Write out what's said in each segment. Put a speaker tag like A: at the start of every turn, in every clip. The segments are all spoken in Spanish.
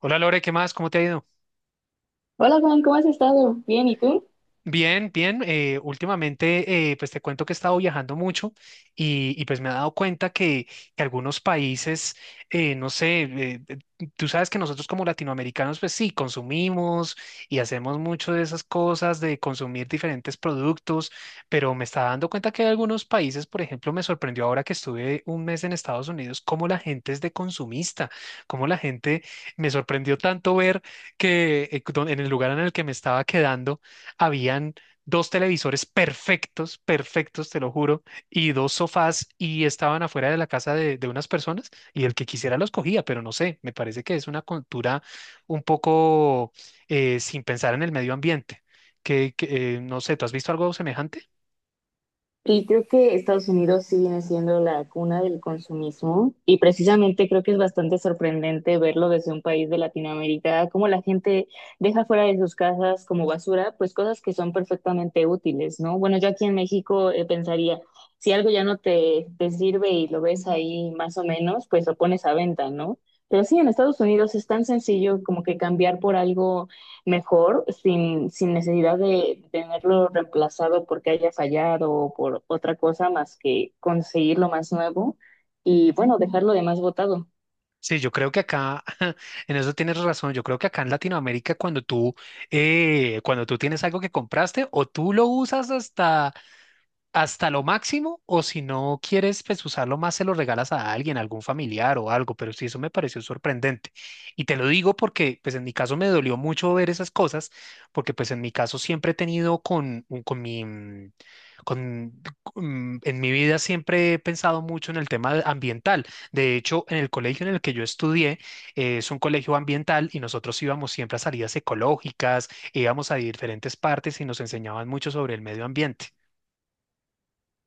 A: Hola Lore, ¿qué más? ¿Cómo te ha ido?
B: Hola Juan, ¿cómo has estado? Bien, ¿y tú?
A: Bien, bien. Últimamente, pues te cuento que he estado viajando mucho pues me he dado cuenta que algunos países, no sé, tú sabes que nosotros como latinoamericanos, pues sí, consumimos y hacemos mucho de esas cosas, de consumir diferentes productos, pero me está dando cuenta que hay algunos países, por ejemplo, me sorprendió ahora que estuve un mes en Estados Unidos, cómo la gente es de consumista, cómo la gente me sorprendió tanto ver que en el lugar en el que me estaba quedando, habían dos televisores perfectos, perfectos, te lo juro, y dos sofás y estaban afuera de la casa de unas personas y el que quisiera los cogía, pero no sé, me parece que es una cultura un poco sin pensar en el medio ambiente, no sé, ¿tú has visto algo semejante?
B: Y creo que Estados Unidos sí viene siendo la cuna del consumismo y precisamente creo que es bastante sorprendente verlo desde un país de Latinoamérica, cómo la gente deja fuera de sus casas como basura, pues cosas que son perfectamente útiles, ¿no? Bueno, yo aquí en México pensaría, si algo ya no te sirve y lo ves ahí más o menos, pues lo pones a venta, ¿no? Pero sí, en Estados Unidos es tan sencillo como que cambiar por algo mejor sin necesidad de tenerlo reemplazado porque haya fallado o por otra cosa más que conseguir lo más nuevo y bueno, dejarlo de más votado.
A: Sí, yo creo que acá, en eso tienes razón, yo creo que acá en Latinoamérica cuando tú tienes algo que compraste o tú lo usas hasta hasta lo máximo, o si no quieres pues usarlo más, se lo regalas a alguien, a algún familiar o algo, pero sí, eso me pareció sorprendente. Y te lo digo porque pues en mi caso me dolió mucho ver esas cosas, porque pues en mi caso siempre he tenido con mi, mm, con, mm, en mi vida siempre he pensado mucho en el tema ambiental. De hecho, en el colegio en el que yo estudié, es un colegio ambiental y nosotros íbamos siempre a salidas ecológicas, íbamos a diferentes partes y nos enseñaban mucho sobre el medio ambiente.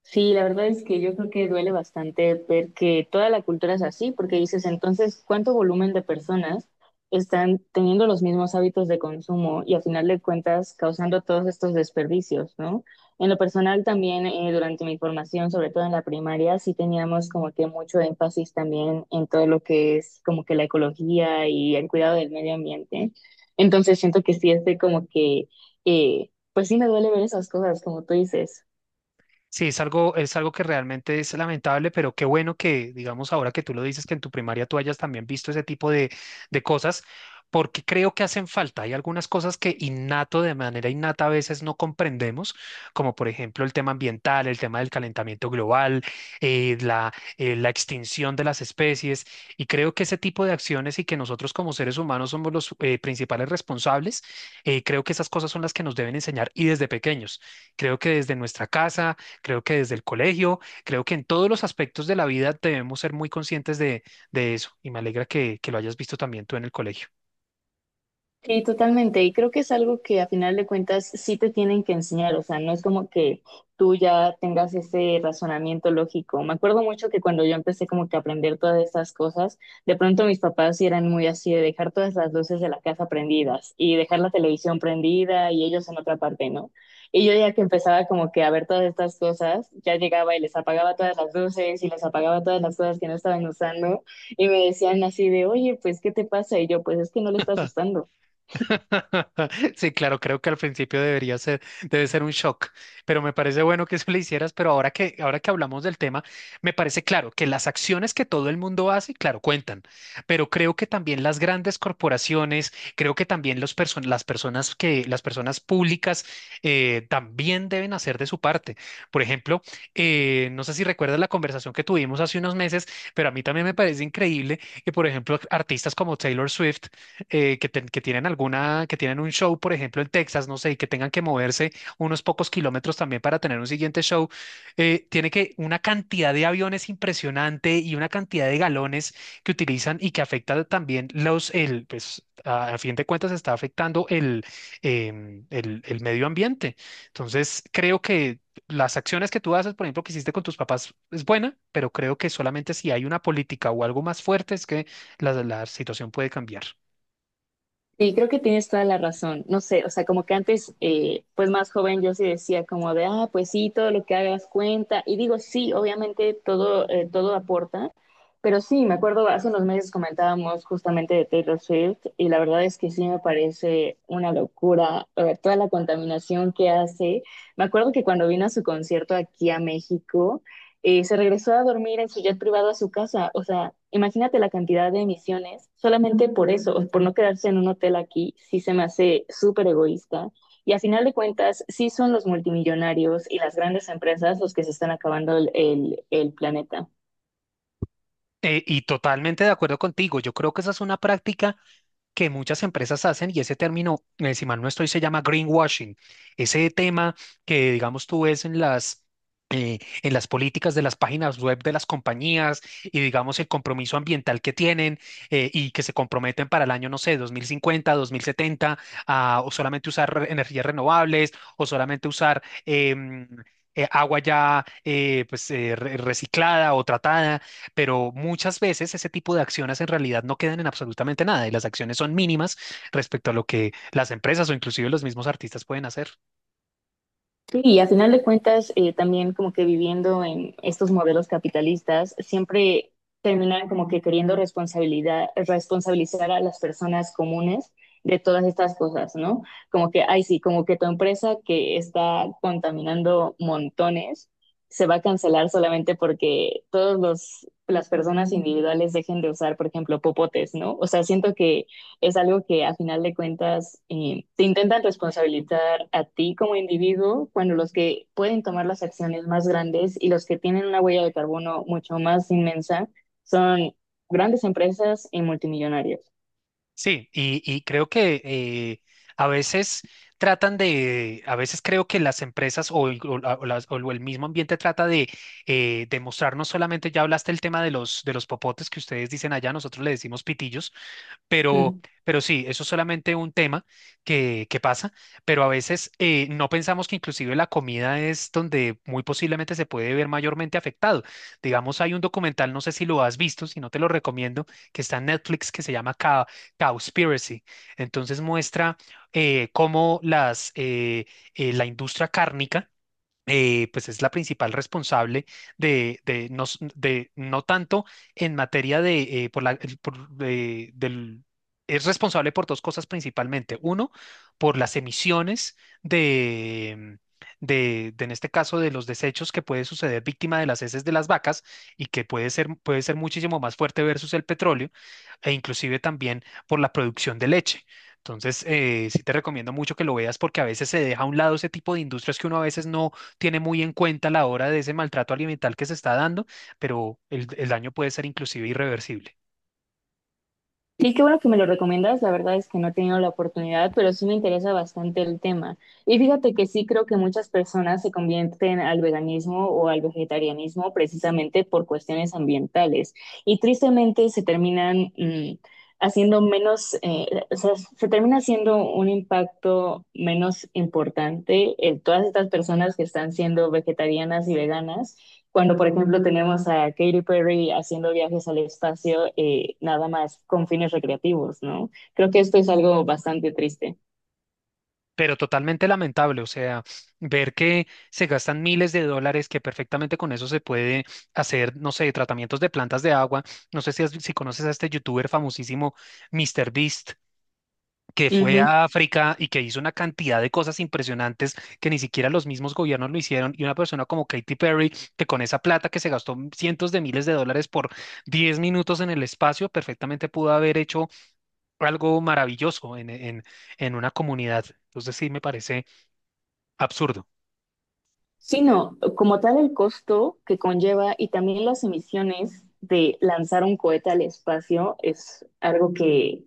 B: Sí, la verdad es que yo creo que duele bastante ver que toda la cultura es así, porque dices, entonces, ¿cuánto volumen de personas están teniendo los mismos hábitos de consumo y a final de cuentas causando todos estos desperdicios, ¿no? En lo personal también, durante mi formación, sobre todo en la primaria, sí teníamos como que mucho énfasis también en todo lo que es como que la ecología y el cuidado del medio ambiente. Entonces siento que sí es de como que, pues sí me duele ver esas cosas, como tú dices.
A: Sí, es algo que realmente es lamentable, pero qué bueno que, digamos, ahora que tú lo dices, que en tu primaria tú hayas también visto ese tipo de cosas, porque creo que hacen falta. Hay algunas cosas que innato, de manera innata, a veces no comprendemos, como por ejemplo el tema ambiental, el tema del calentamiento global, la extinción de las especies, y creo que ese tipo de acciones y que nosotros como seres humanos somos los principales responsables, creo que esas cosas son las que nos deben enseñar y desde pequeños. Creo que desde nuestra casa, creo que desde el colegio, creo que en todos los aspectos de la vida debemos ser muy conscientes de eso y me alegra que lo hayas visto también tú en el colegio.
B: Sí, totalmente. Y creo que es algo que a final de cuentas sí te tienen que enseñar. O sea, no es como que tú ya tengas ese razonamiento lógico. Me acuerdo mucho que cuando yo empecé como que a aprender todas estas cosas, de pronto mis papás sí eran muy así de dejar todas las luces de la casa prendidas y dejar la televisión prendida y ellos en otra parte, ¿no? Y yo ya que empezaba como que a ver todas estas cosas, ya llegaba y les apagaba todas las luces y les apagaba todas las cosas que no estaban usando y me decían así de, oye, pues, ¿qué te pasa? Y yo, pues es que no le estás usando.
A: Sí, claro, creo que al principio debería ser, debe ser un shock, pero me parece bueno que eso le hicieras, pero ahora que hablamos del tema, me parece claro que las acciones que todo el mundo hace, claro, cuentan, pero creo que también las grandes corporaciones, creo que también las personas que, las personas públicas también deben hacer de su parte. Por ejemplo, no sé si recuerdas la conversación que tuvimos hace unos meses, pero a mí también me parece increíble que, por ejemplo, artistas como Taylor Swift que tienen alguna, que tienen un show, por ejemplo, en Texas, no sé, y que tengan que moverse unos pocos kilómetros también para tener un siguiente show, tiene que una cantidad de aviones impresionante y una cantidad de galones que utilizan y que afecta también los, el, pues, a fin de cuentas está afectando el medio ambiente. Entonces, creo que las acciones que tú haces, por ejemplo, que hiciste con tus papás, es buena, pero creo que solamente si hay una política o algo más fuerte es que la situación puede cambiar.
B: Sí, creo que tienes toda la razón. No sé, o sea, como que antes, pues más joven, yo sí decía como de, ah, pues sí, todo lo que hagas cuenta. Y digo, sí, obviamente todo, todo aporta, pero sí, me acuerdo, hace unos meses comentábamos justamente de Taylor Swift y la verdad es que sí me parece una locura, toda la contaminación que hace. Me acuerdo que cuando vino a su concierto aquí a México, se regresó a dormir en su jet privado a su casa. O sea, imagínate la cantidad de emisiones solamente por eso, por no quedarse en un hotel aquí, sí se me hace súper egoísta. Y a final de cuentas, sí son los multimillonarios y las grandes empresas los que se están acabando el planeta.
A: Y totalmente de acuerdo contigo, yo creo que esa es una práctica que muchas empresas hacen, y ese término, si mal no estoy, se llama greenwashing. Ese tema que, digamos, tú ves en las políticas de las páginas web de las compañías y, digamos, el compromiso ambiental que tienen y que se comprometen para el año, no sé, 2050 2070 a, o solamente usar energías renovables o solamente usar agua ya reciclada o tratada, pero muchas veces ese tipo de acciones en realidad no quedan en absolutamente nada y las acciones son mínimas respecto a lo que las empresas o inclusive los mismos artistas pueden hacer.
B: Sí, y a final de cuentas, también como que viviendo en estos modelos capitalistas, siempre terminan como que queriendo responsabilizar a las personas comunes de todas estas cosas, ¿no? Como que, ay, sí, como que tu empresa que está contaminando montones se va a cancelar solamente porque todos los las personas individuales dejen de usar, por ejemplo, popotes, ¿no? O sea, siento que es algo que a final de cuentas te intentan responsabilizar a ti como individuo cuando los que pueden tomar las acciones más grandes y los que tienen una huella de carbono mucho más inmensa son grandes empresas y multimillonarios.
A: Sí, y creo que a veces tratan de, a veces creo que las empresas o el, o la- o las- o el mismo ambiente trata de demostrar no solamente, ya hablaste el tema de los popotes que ustedes dicen allá, nosotros le decimos pitillos. Pero,
B: Mm.
A: pero sí, eso es solamente un tema que pasa, pero a veces no pensamos que inclusive la comida es donde muy posiblemente se puede ver mayormente afectado. Digamos, hay un documental, no sé si lo has visto, si no te lo recomiendo, que está en Netflix, que se llama Cowspiracy. Entonces muestra eh, cómo las, eh, la industria cárnica pues es la principal responsable de no, s- de no tanto en materia de, por la, el- por, es responsable por dos cosas principalmente. Uno, por las emisiones de, de, en este caso, de los desechos que puede suceder víctima de las heces de las vacas y puede ser muchísimo más fuerte versus el petróleo e inclusive también por la producción de leche. Entonces, sí te recomiendo mucho que lo veas porque a veces se deja a un lado ese tipo de industrias que uno a veces no tiene muy en cuenta la hora de ese maltrato alimental que se está dando, pero el daño puede ser inclusive irreversible.
B: Sí, qué bueno que me lo recomiendas. La verdad es que no he tenido la oportunidad, pero sí me interesa bastante el tema. Y fíjate que sí creo que muchas personas se convierten al veganismo o al vegetarianismo precisamente por cuestiones ambientales. Y tristemente se terminan haciendo menos, o sea, se termina haciendo un impacto menos importante en todas estas personas que están siendo vegetarianas y veganas cuando, por ejemplo, tenemos a Katy Perry haciendo viajes al espacio nada más con fines recreativos, ¿no? Creo que esto es algo bastante triste.
A: Pero totalmente lamentable, o sea, ver que se gastan miles de dólares, que perfectamente con eso se puede hacer, no sé, tratamientos de plantas de agua. No sé si conoces a este youtuber famosísimo, MrBeast, que fue
B: Ujú.
A: a África y que hizo una cantidad de cosas impresionantes que ni siquiera los mismos gobiernos lo hicieron, y una persona como Katy Perry, que con esa plata que se gastó cientos de miles de dólares por 10 minutos en el espacio, perfectamente pudo haber hecho algo maravilloso en una comunidad. Entonces sí me parece absurdo.
B: Sino, como tal, el costo que conlleva y también las emisiones de lanzar un cohete al espacio es algo que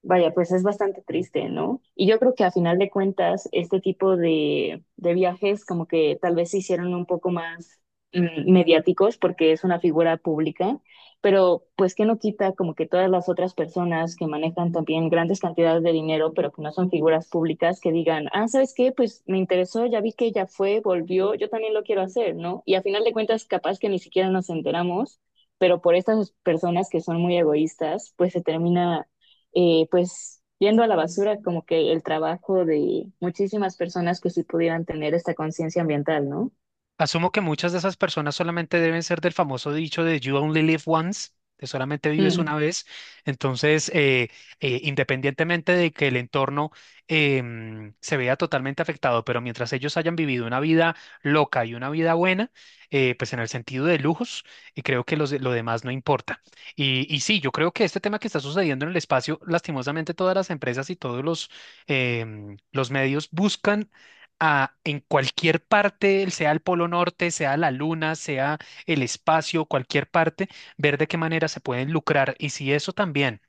B: vaya, pues es bastante triste, ¿no? Y yo creo que a final de cuentas, este tipo de viajes como que tal vez se hicieron un poco más mediáticos porque es una figura pública, pero pues que no quita como que todas las otras personas que manejan también grandes cantidades de dinero, pero que no son figuras públicas, que digan, ah, ¿sabes qué? Pues me interesó, ya vi que ella fue, volvió, yo también lo quiero hacer, ¿no? Y a final de cuentas, capaz que ni siquiera nos enteramos pero por estas personas que son muy egoístas, pues se termina pues yendo a la basura como que el trabajo de muchísimas personas que sí pudieran tener esta conciencia ambiental, ¿no?
A: Asumo que muchas de esas personas solamente deben ser del famoso dicho de You only live once, de solamente vives una
B: Mm.
A: vez. Entonces, independientemente de que el entorno se vea totalmente afectado, pero mientras ellos hayan vivido una vida loca y una vida buena, pues en el sentido de lujos, y creo que lo demás no importa. Y sí, yo creo que este tema que está sucediendo en el espacio, lastimosamente todas las empresas y todos los, los medios buscan en cualquier parte, sea el Polo Norte, sea la Luna, sea el espacio, cualquier parte, ver de qué manera se pueden lucrar. Y si eso también,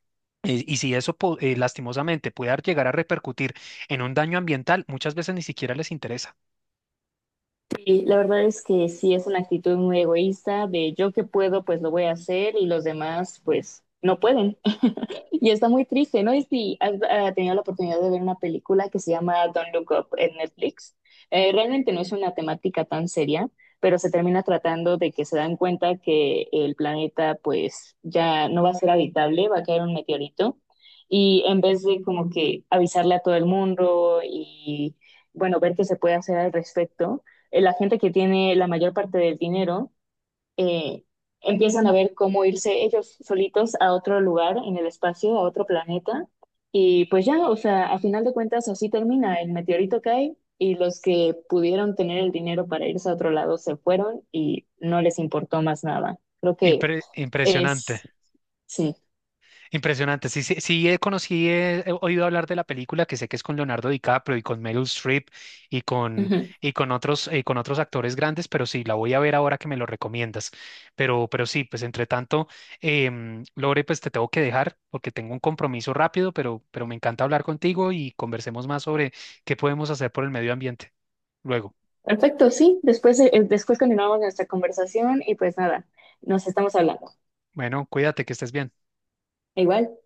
A: y si eso po- lastimosamente puede llegar a repercutir en un daño ambiental, muchas veces ni siquiera les interesa.
B: Sí, la verdad es que sí es una actitud muy egoísta de yo que puedo, pues lo voy a hacer y los demás, pues no pueden. Y está muy triste, ¿no? Y si has tenido la oportunidad de ver una película que se llama Don't Look Up en Netflix, realmente no es una temática tan seria, pero se termina tratando de que se dan cuenta que el planeta pues ya no va a ser habitable, va a caer un meteorito y en vez de como que avisarle a todo el mundo y bueno, ver qué se puede hacer al respecto, la gente que tiene la mayor parte del dinero eh, empiezan a ver cómo irse ellos solitos a otro lugar en el espacio, a otro planeta. Y pues ya, o sea, a final de cuentas así termina, el meteorito cae y los que pudieron tener el dinero para irse a otro lado se fueron y no les importó más nada. Creo que
A: Impresionante.
B: es, sí.
A: Impresionante. Sí, sí, sí, conocí, he oído hablar de la película que sé que es con Leonardo DiCaprio y con Meryl Streep y con,
B: Ujú.
A: y con otros actores grandes, pero sí, la voy a ver ahora que me lo recomiendas. Pero sí, pues entre tanto, Lore, pues te tengo que dejar porque tengo un compromiso rápido, pero me encanta hablar contigo y conversemos más sobre qué podemos hacer por el medio ambiente. Luego,
B: Perfecto, sí. Después, después continuamos nuestra conversación y pues nada, nos estamos hablando.
A: bueno, cuídate, que estés bien.
B: Igual.